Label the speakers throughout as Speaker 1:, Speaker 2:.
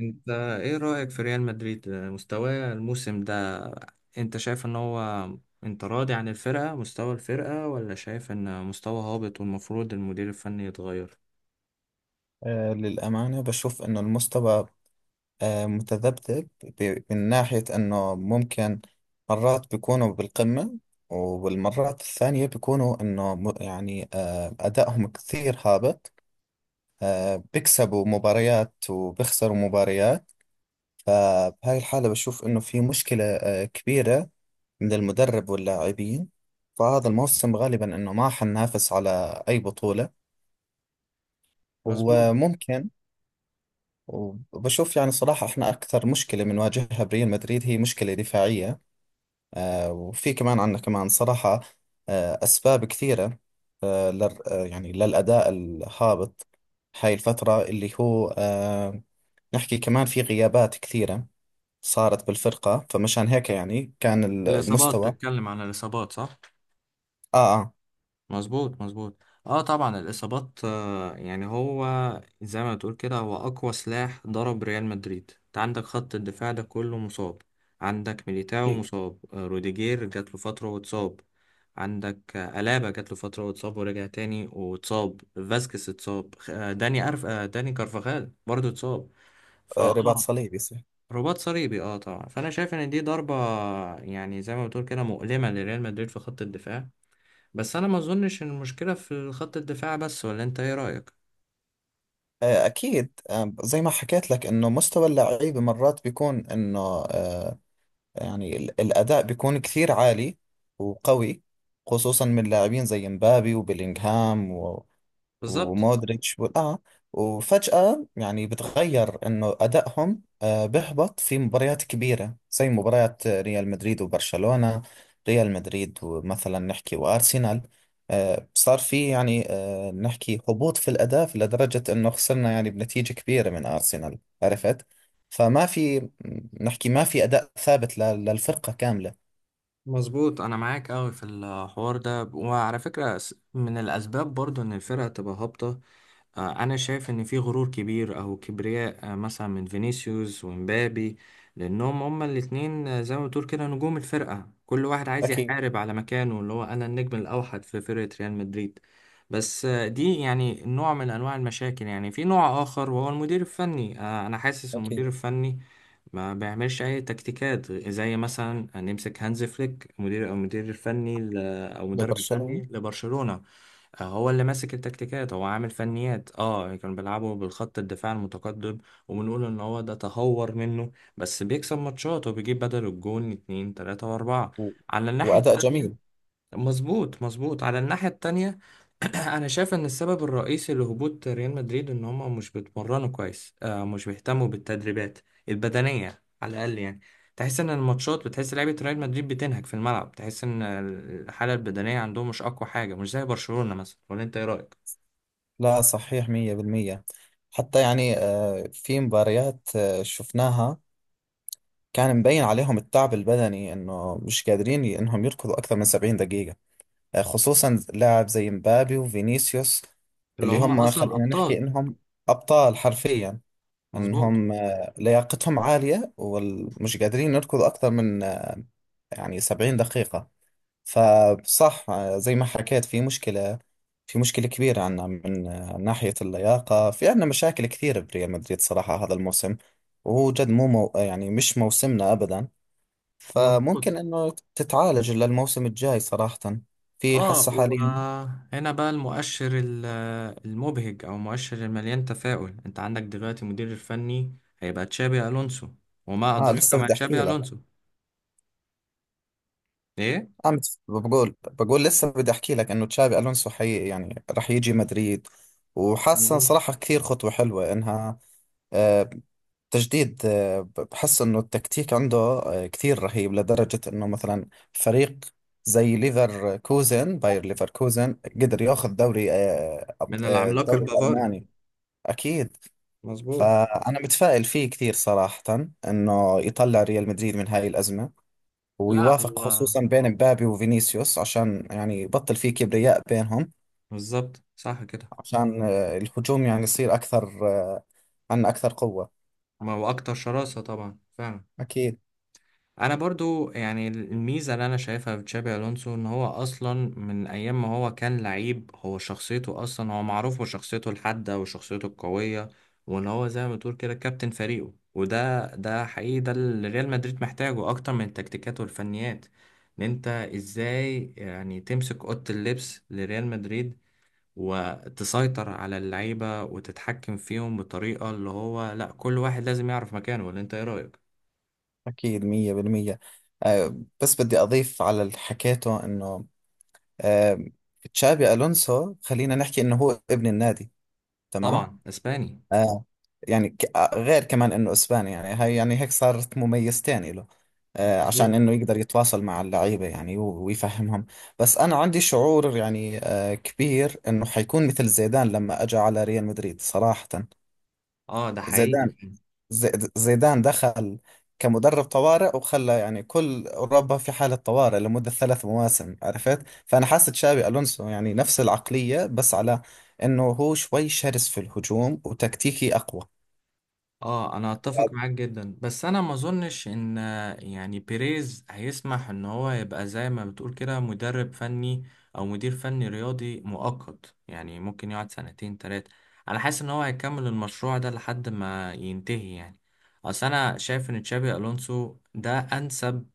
Speaker 1: انت، ايه رأيك في ريال مدريد مستواه الموسم ده؟ انت شايف ان هو انت راضي عن الفرقة، مستوى الفرقة، ولا شايف ان مستوى هابط والمفروض المدير الفني يتغير؟
Speaker 2: للأمانة بشوف إنه المستوى متذبذب. من ناحية إنه ممكن مرات بيكونوا بالقمة، والمرات الثانية بيكونوا إنه يعني أدائهم كثير هابط. بيكسبوا مباريات وبيخسروا مباريات. فبهاي الحالة بشوف إنه في مشكلة كبيرة من المدرب واللاعبين. فهذا الموسم غالبا إنه ما حننافس على أي بطولة
Speaker 1: مظبوط.
Speaker 2: وممكن. وبشوف يعني صراحة احنا أكثر مشكلة بنواجهها بريال مدريد هي مشكلة دفاعية. وفي كمان عندنا كمان صراحة أسباب كثيرة، آه لل آه، يعني للأداء الهابط. هاي الفترة اللي هو نحكي كمان في غيابات كثيرة صارت بالفرقة، فمشان هيك يعني كان
Speaker 1: الإصابات،
Speaker 2: المستوى.
Speaker 1: بتتكلم عن الإصابات صح؟
Speaker 2: آه، آه.
Speaker 1: مظبوط مظبوط. اه طبعا الاصابات، يعني هو زي ما تقول كده هو اقوى سلاح ضرب ريال مدريد. انت عندك خط الدفاع ده كله مصاب، عندك ميليتاو
Speaker 2: في،
Speaker 1: مصاب، روديجير جات له فتره واتصاب، عندك الابا جات له فتره واتصاب ورجع تاني واتصاب، فاسكيز اتصاب، آه داني أرف آه داني كارفاخال برضه اتصاب. فاه
Speaker 2: رباط صليبي صح.
Speaker 1: رباط صليبي. اه طبعا، فانا شايف ان دي ضربه، يعني زي ما بتقول كده مؤلمه لريال مدريد في خط الدفاع. بس انا ما اظنش ان المشكله في خط الدفاع بس، ولا انت ايه رايك؟
Speaker 2: أكيد. زي ما حكيت لك إنه مستوى اللعيبة مرات بيكون إنه، آه، يعني الأداء بيكون كثير عالي وقوي، خصوصا من لاعبين زي مبابي وبيلينغهام
Speaker 1: بالظبط
Speaker 2: ومودريتش وفجأة يعني بتغير انه ادائهم بيهبط في مباريات كبيرة زي مباريات ريال مدريد وبرشلونة. ريال مدريد ومثلا نحكي وارسنال، صار في يعني نحكي هبوط في الاداء، في لدرجة انه خسرنا يعني بنتيجة كبيرة من ارسنال، عرفت؟ فما في، نحكي، ما في اداء ثابت للفرقة كاملة.
Speaker 1: مظبوط. انا معاك قوي في الحوار ده، وعلى فكره من الاسباب برضو ان الفرقه تبقى هابطه، انا شايف ان في غرور كبير او كبرياء، مثلا من فينيسيوس ومبابي، لانهم هما الاتنين، زي ما بتقول كده نجوم الفرقة، كل واحد عايز
Speaker 2: أكيد.
Speaker 1: يحارب على مكانه اللي هو انا النجم الاوحد في فرقة ريال مدريد. بس دي يعني نوع من انواع المشاكل. يعني في نوع اخر وهو المدير الفني، انا حاسس
Speaker 2: أكيد.
Speaker 1: المدير الفني ما بيعملش اي تكتيكات. زي مثلا نمسك هانز فليك، مدير او المدير الفني او المدرب الفني
Speaker 2: لبرشلونة.
Speaker 1: لبرشلونة، هو اللي ماسك التكتيكات، هو عامل فنيات. اه كانوا بيلعبوا بالخط الدفاع المتقدم، وبنقول ان هو ده تهور منه، بس بيكسب ماتشات وبيجيب بدل الجون اتنين تلاتة واربعة
Speaker 2: و-
Speaker 1: على الناحية
Speaker 2: واداء جميل.
Speaker 1: التانية. مظبوط مظبوط، على الناحية التانية. أنا شايف إن السبب الرئيسي لهبوط ريال مدريد إن هما مش بيتمرنوا كويس، مش بيهتموا بالتدريبات البدنية على الأقل. يعني تحس إن الماتشات بتحس لعيبة ريال مدريد بتنهك في الملعب، تحس إن الحالة البدنية عندهم مش أقوى حاجة، مش زي برشلونة مثلا، ولا أنت إيه رأيك؟
Speaker 2: لا صحيح، مية بالمية. حتى يعني في مباريات شفناها كان مبين عليهم التعب البدني، انه مش قادرين انهم يركضوا اكثر من 70 دقيقة، خصوصا لاعب زي مبابي وفينيسيوس.
Speaker 1: اللي
Speaker 2: اللي
Speaker 1: هما
Speaker 2: هم
Speaker 1: أصلا
Speaker 2: خلينا نحكي
Speaker 1: أبطال.
Speaker 2: انهم ابطال حرفيا.
Speaker 1: مظبوط
Speaker 2: انهم لياقتهم عالية ومش قادرين يركضوا اكثر من يعني 70 دقيقة. فصح، زي ما حكيت، في مشكلة كبيرة عنا من ناحية اللياقة. في عنا مشاكل كثيرة بريال مدريد صراحة هذا الموسم، وهو جد مو يعني مش موسمنا أبدا. فممكن
Speaker 1: مظبوط.
Speaker 2: إنه تتعالج للموسم الجاي صراحة. في
Speaker 1: اه
Speaker 2: حسة حاليا.
Speaker 1: وهنا بقى المؤشر المبهج، او المؤشر المليان تفاؤل، انت عندك دلوقتي المدير الفني هيبقى تشابي الونسو، وما ادراك
Speaker 2: لسه
Speaker 1: ما
Speaker 2: بدي
Speaker 1: تشابي
Speaker 2: أحكي لك.
Speaker 1: الونسو. ايه.
Speaker 2: بقول، لسه بدي احكي لك انه تشابي الونسو حقيقي يعني رح يجي مدريد، وحاسه
Speaker 1: مظبوط.
Speaker 2: صراحه كثير خطوه حلوه انها آه، تجديد. بحس انه التكتيك عنده كثير رهيب، لدرجه انه مثلا فريق زي ليفر كوزن باير ليفر كوزن قدر ياخذ دوري
Speaker 1: من العملاق
Speaker 2: الدوري
Speaker 1: البافاري.
Speaker 2: الالماني. اكيد.
Speaker 1: مظبوط.
Speaker 2: فانا متفائل فيه كثير صراحه، انه يطلع ريال مدريد من هاي الازمه،
Speaker 1: لا
Speaker 2: ويوافق
Speaker 1: هو
Speaker 2: خصوصا بين مبابي وفينيسيوس عشان يعني يبطل فيه كبرياء بينهم،
Speaker 1: بالظبط صح كده.
Speaker 2: عشان الهجوم يعني يصير أكثر، عنا أكثر قوة.
Speaker 1: ما هو اكتر شراسة طبعا فعلا.
Speaker 2: أكيد.
Speaker 1: انا برضو يعني الميزه اللي انا شايفها في تشابي الونسو، ان هو اصلا من ايام ما هو كان لعيب، هو شخصيته اصلا، هو معروف بشخصيته الحاده وشخصيته القويه، وان هو زي ما تقول كده كابتن فريقه، وده حقيقي، ده اللي ريال مدريد محتاجه اكتر من التكتيكات والفنيات. ان انت ازاي يعني تمسك اوضه اللبس لريال مدريد، وتسيطر على اللعيبه وتتحكم فيهم بطريقه اللي هو لا، كل واحد لازم يعرف مكانه. ولا انت ايه رايك؟
Speaker 2: أكيد، مية بالمية. آه، بس بدي أضيف على اللي حكيته إنه آه، تشابي ألونسو خلينا نحكي إنه هو ابن النادي، تمام؟
Speaker 1: طبعا اسباني.
Speaker 2: آه يعني غير كمان انه اسباني، يعني هاي يعني هيك صارت مميزتين له، عشان
Speaker 1: مظبوط.
Speaker 2: انه يقدر يتواصل مع اللعيبة يعني ويفهمهم. بس انا عندي شعور يعني كبير انه حيكون مثل زيدان لما اجى على ريال مدريد صراحة.
Speaker 1: اه ده حقيقي.
Speaker 2: زيدان، زيدان دخل كمدرب طوارئ وخلى يعني كل اوروبا في حالة طوارئ لمدة 3 مواسم، عرفت؟ فانا حاسة تشابي الونسو يعني نفس العقلية، بس على انه هو شوي شرس في الهجوم وتكتيكي اقوى
Speaker 1: اه انا اتفق معاك جدا، بس انا ما اظنش ان يعني بيريز هيسمح ان هو يبقى زي ما بتقول كده مدرب فني او مدير فني رياضي مؤقت، يعني ممكن يقعد سنتين تلاتة. انا حاسس ان هو هيكمل المشروع ده لحد ما ينتهي يعني. اصل انا شايف ان تشابي الونسو ده انسب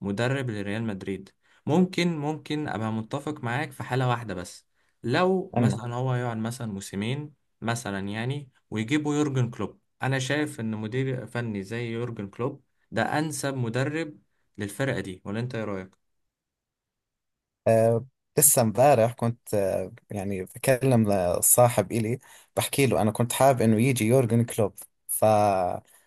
Speaker 1: مدرب لريال مدريد. ممكن ابقى متفق معاك في حالة واحدة بس، لو
Speaker 2: عنه.
Speaker 1: مثلا هو يقعد مثلا موسمين مثلا، يعني ويجيبوا يورجن كلوب. انا شايف ان مدير فني زي يورجن كلوب ده انسب مدرب للفرقة دي، ولا انت ايه رأيك؟
Speaker 2: أه لسه امبارح كنت يعني بكلم صاحب إلي، بحكي له أنا كنت حابب إنه يجي يورجن كلوب، فبحكي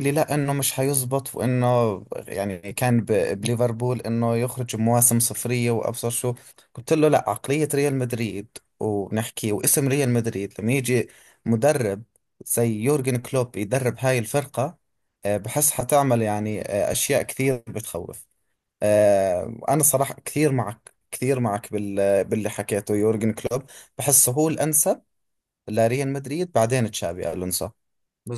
Speaker 2: لي لا إنه مش حيزبط، وإنه يعني كان بليفربول إنه يخرج بمواسم صفرية وأبصر شو. قلت له لا، عقلية ريال مدريد وبنحكي واسم ريال مدريد لما يجي مدرب زي يورجن كلوب يدرب هاي الفرقة، بحس حتعمل يعني أشياء كثير بتخوف. أنا صراحة كثير معك، كثير معك باللي حكيته. يورجن كلوب بحسه هو الأنسب لريال مدريد، بعدين تشابي ألونسو.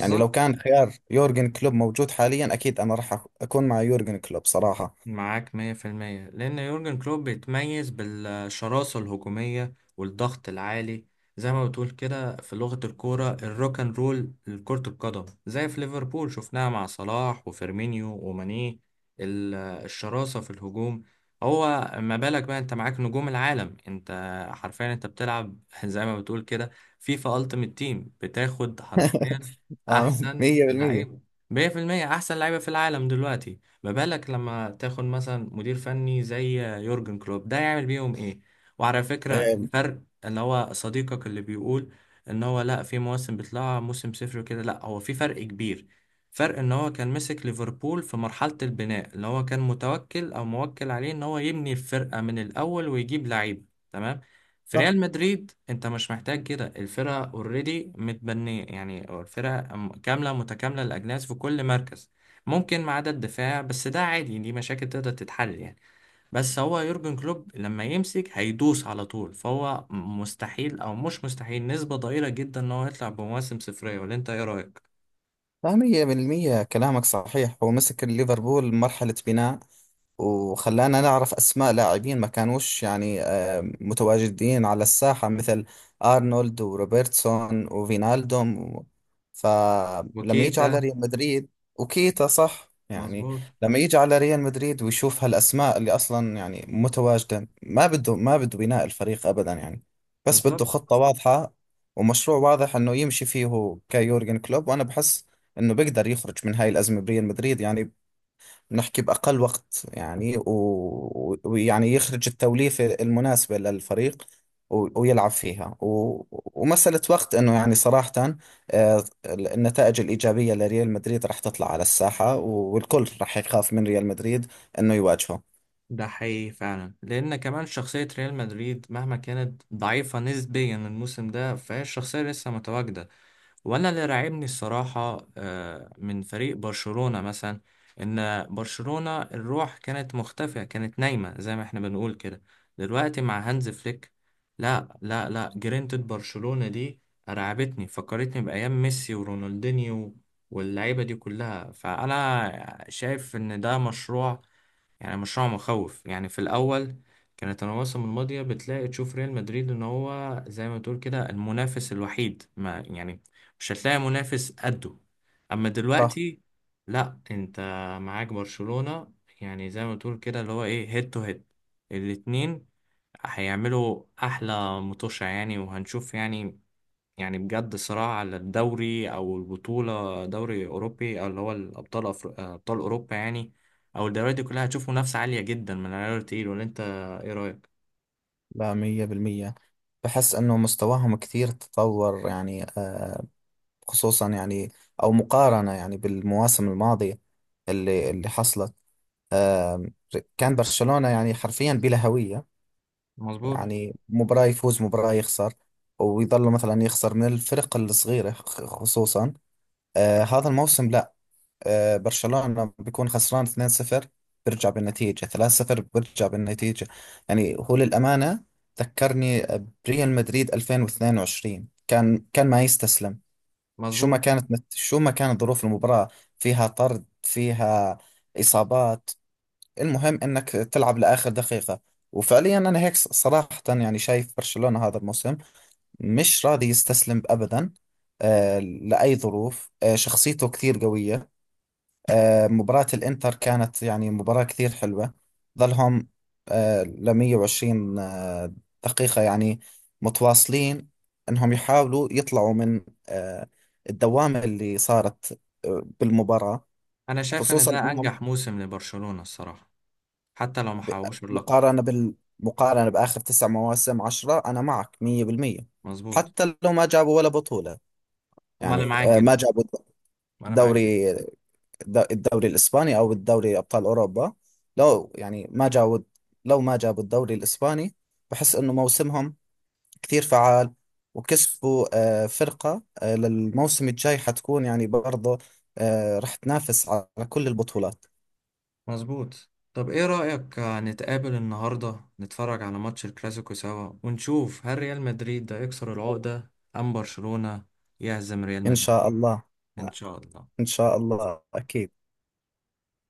Speaker 2: يعني لو كان خيار يورجن كلوب موجود حاليا، أكيد أنا راح أكون مع يورجن كلوب صراحة.
Speaker 1: معاك مية في المية، لأن يورجن كلوب بيتميز بالشراسة الهجومية والضغط العالي، زي ما بتقول كده في لغة الكورة الروك اند رول لكرة القدم، زي في ليفربول شفناها مع صلاح وفيرمينيو وماني. ال- الشراسة في الهجوم، هو ما بالك بقى انت معاك نجوم العالم؟ انت حرفيا انت بتلعب زي ما بتقول كده فيفا التيمت تيم، بتاخد حرفيا
Speaker 2: آه،
Speaker 1: احسن
Speaker 2: 100%.
Speaker 1: لعيبة. 100% احسن لعيبة في العالم دلوقتي. ما بالك لما تاخد مثلا مدير فني زي يورجن كلوب، ده يعمل بيهم ايه؟ وعلى فكرة
Speaker 2: آه،
Speaker 1: الفرق، اللي هو صديقك اللي بيقول ان هو لا في مواسم بتطلع موسم صفر وكده، لا، هو في فرق كبير، فرق ان هو كان مسك ليفربول في مرحلة البناء، اللي هو كان متوكل او موكل عليه ان هو يبني الفرقة من الاول ويجيب لعيبة، تمام. في
Speaker 2: صح.
Speaker 1: ريال مدريد انت مش محتاج كده، الفرقة اوريدي متبنية، يعني الفرقة كاملة متكاملة الاجناس في كل مركز، ممكن ما عدا الدفاع، بس ده عادي دي مشاكل تقدر تتحل يعني. بس هو يورجن كلوب لما يمسك هيدوس على طول، فهو مستحيل او مش مستحيل، نسبة ضئيلة جدا ان هو يطلع بمواسم صفرية، ولا انت ايه رأيك؟
Speaker 2: لا، مية بالمية كلامك صحيح. هو مسك ليفربول مرحلة بناء، وخلانا نعرف أسماء لاعبين ما كانوش يعني متواجدين على الساحة، مثل أرنولد وروبرتسون وفينالدوم فلما يجي على
Speaker 1: وكيتا.
Speaker 2: ريال مدريد. وكيتا، صح، يعني
Speaker 1: مظبوط.
Speaker 2: لما يجي على ريال مدريد ويشوف هالأسماء اللي أصلا يعني متواجدة، ما بده بناء الفريق أبدا يعني، بس بده
Speaker 1: بالظبط.
Speaker 2: خطة واضحة ومشروع واضح انه يمشي فيه. هو كيورجن كلوب، وانا بحس انه بيقدر يخرج من هاي الازمه بريال مدريد يعني، بنحكي باقل وقت يعني، ويعني يخرج التوليفه المناسبه للفريق ويلعب فيها، ومسألة وقت انه يعني صراحة النتائج الإيجابية لريال مدريد راح تطلع على الساحة، والكل راح يخاف من ريال مدريد انه يواجهه.
Speaker 1: ده حقيقي فعلا، لان كمان شخصية ريال مدريد مهما كانت ضعيفة نسبيا الموسم ده، فهي الشخصية لسه متواجدة. وانا اللي راعبني الصراحه، من فريق برشلونه مثلا، ان برشلونه الروح كانت مختفيه، كانت نايمه زي ما احنا بنقول كده. دلوقتي مع هانز فليك، لا لا لا، جرينتد برشلونه دي رعبتني، فكرتني بايام ميسي ورونالدينيو واللعيبه دي كلها. فانا شايف ان ده مشروع، يعني مشروع مخوف. يعني في الاول كانت المواسم الماضيه بتلاقي تشوف ريال مدريد ان هو زي ما تقول كده المنافس الوحيد، ما يعني مش هتلاقي منافس قده. اما
Speaker 2: صح.
Speaker 1: دلوقتي لا، انت معاك برشلونه، يعني زي ما تقول كده اللي هو ايه، هيد تو هيد. الاتنين هيعملوا احلى متوشة يعني، وهنشوف يعني، يعني بجد صراع على الدوري او البطوله، دوري اوروبي او اللي هو الابطال ابطال اوروبا، يعني او الدوريات دي كلها. هتشوف منافسه عاليه جدا من العيار التقيل، ولا انت ايه رايك؟
Speaker 2: لا، مية بالمية. بحس انه مستواهم كثير تطور يعني، خصوصا يعني او مقارنة يعني بالمواسم الماضية اللي حصلت. آم، كان برشلونة يعني حرفيا بلا هوية.
Speaker 1: مظبوط
Speaker 2: يعني مباراة يفوز مباراة يخسر، ويظل مثلا يخسر من الفرق الصغيرة، خصوصا هذا الموسم لا. برشلونة بيكون خسران 2-0 بيرجع بالنتيجة، 3-0 بيرجع بالنتيجة. يعني هو للأمانة ذكرني بريال مدريد 2022. كان ما يستسلم،
Speaker 1: مظبوط.
Speaker 2: شو ما كانت ظروف المباراة، فيها طرد، فيها إصابات، المهم انك تلعب لاخر دقيقة. وفعليا انا هيك صراحة يعني شايف برشلونة هذا الموسم مش راضي يستسلم ابدا لاي ظروف. شخصيته كثير قوية. مباراة الانتر كانت يعني مباراة كثير حلوة، ظلهم ل 120 دقيقة يعني متواصلين انهم يحاولوا يطلعوا من آه، الدوامة اللي صارت بالمباراة،
Speaker 1: انا شايف ان
Speaker 2: خصوصا
Speaker 1: ده
Speaker 2: انهم.
Speaker 1: انجح موسم لبرشلونه الصراحه، حتى لو ما
Speaker 2: ب-
Speaker 1: حققوش اللقب.
Speaker 2: مقارنة بال مقارنة بآخر 9 مواسم 10، أنا معك مية بالمية.
Speaker 1: مظبوط.
Speaker 2: حتى لو ما جابوا ولا بطولة،
Speaker 1: ما انا
Speaker 2: يعني
Speaker 1: معاك
Speaker 2: ما
Speaker 1: جدا.
Speaker 2: جابوا
Speaker 1: ما انا معاك جدا.
Speaker 2: الدوري الدوري الإسباني أو الدوري أبطال أوروبا. لو يعني ما جابوا لو ما جابوا الدوري الإسباني، بحس إنه موسمهم كثير فعال، وكسبوا فرقة للموسم الجاي حتكون يعني برضه راح تنافس على كل البطولات.
Speaker 1: مظبوط. طب ايه رايك، نتقابل النهارده نتفرج على ماتش الكلاسيكو سوا، ونشوف هل ريال مدريد ده يكسر العقده، ام برشلونه يهزم ريال
Speaker 2: إن
Speaker 1: مدريد؟
Speaker 2: شاء الله.
Speaker 1: ان شاء
Speaker 2: إن
Speaker 1: الله.
Speaker 2: شاء الله أكيد.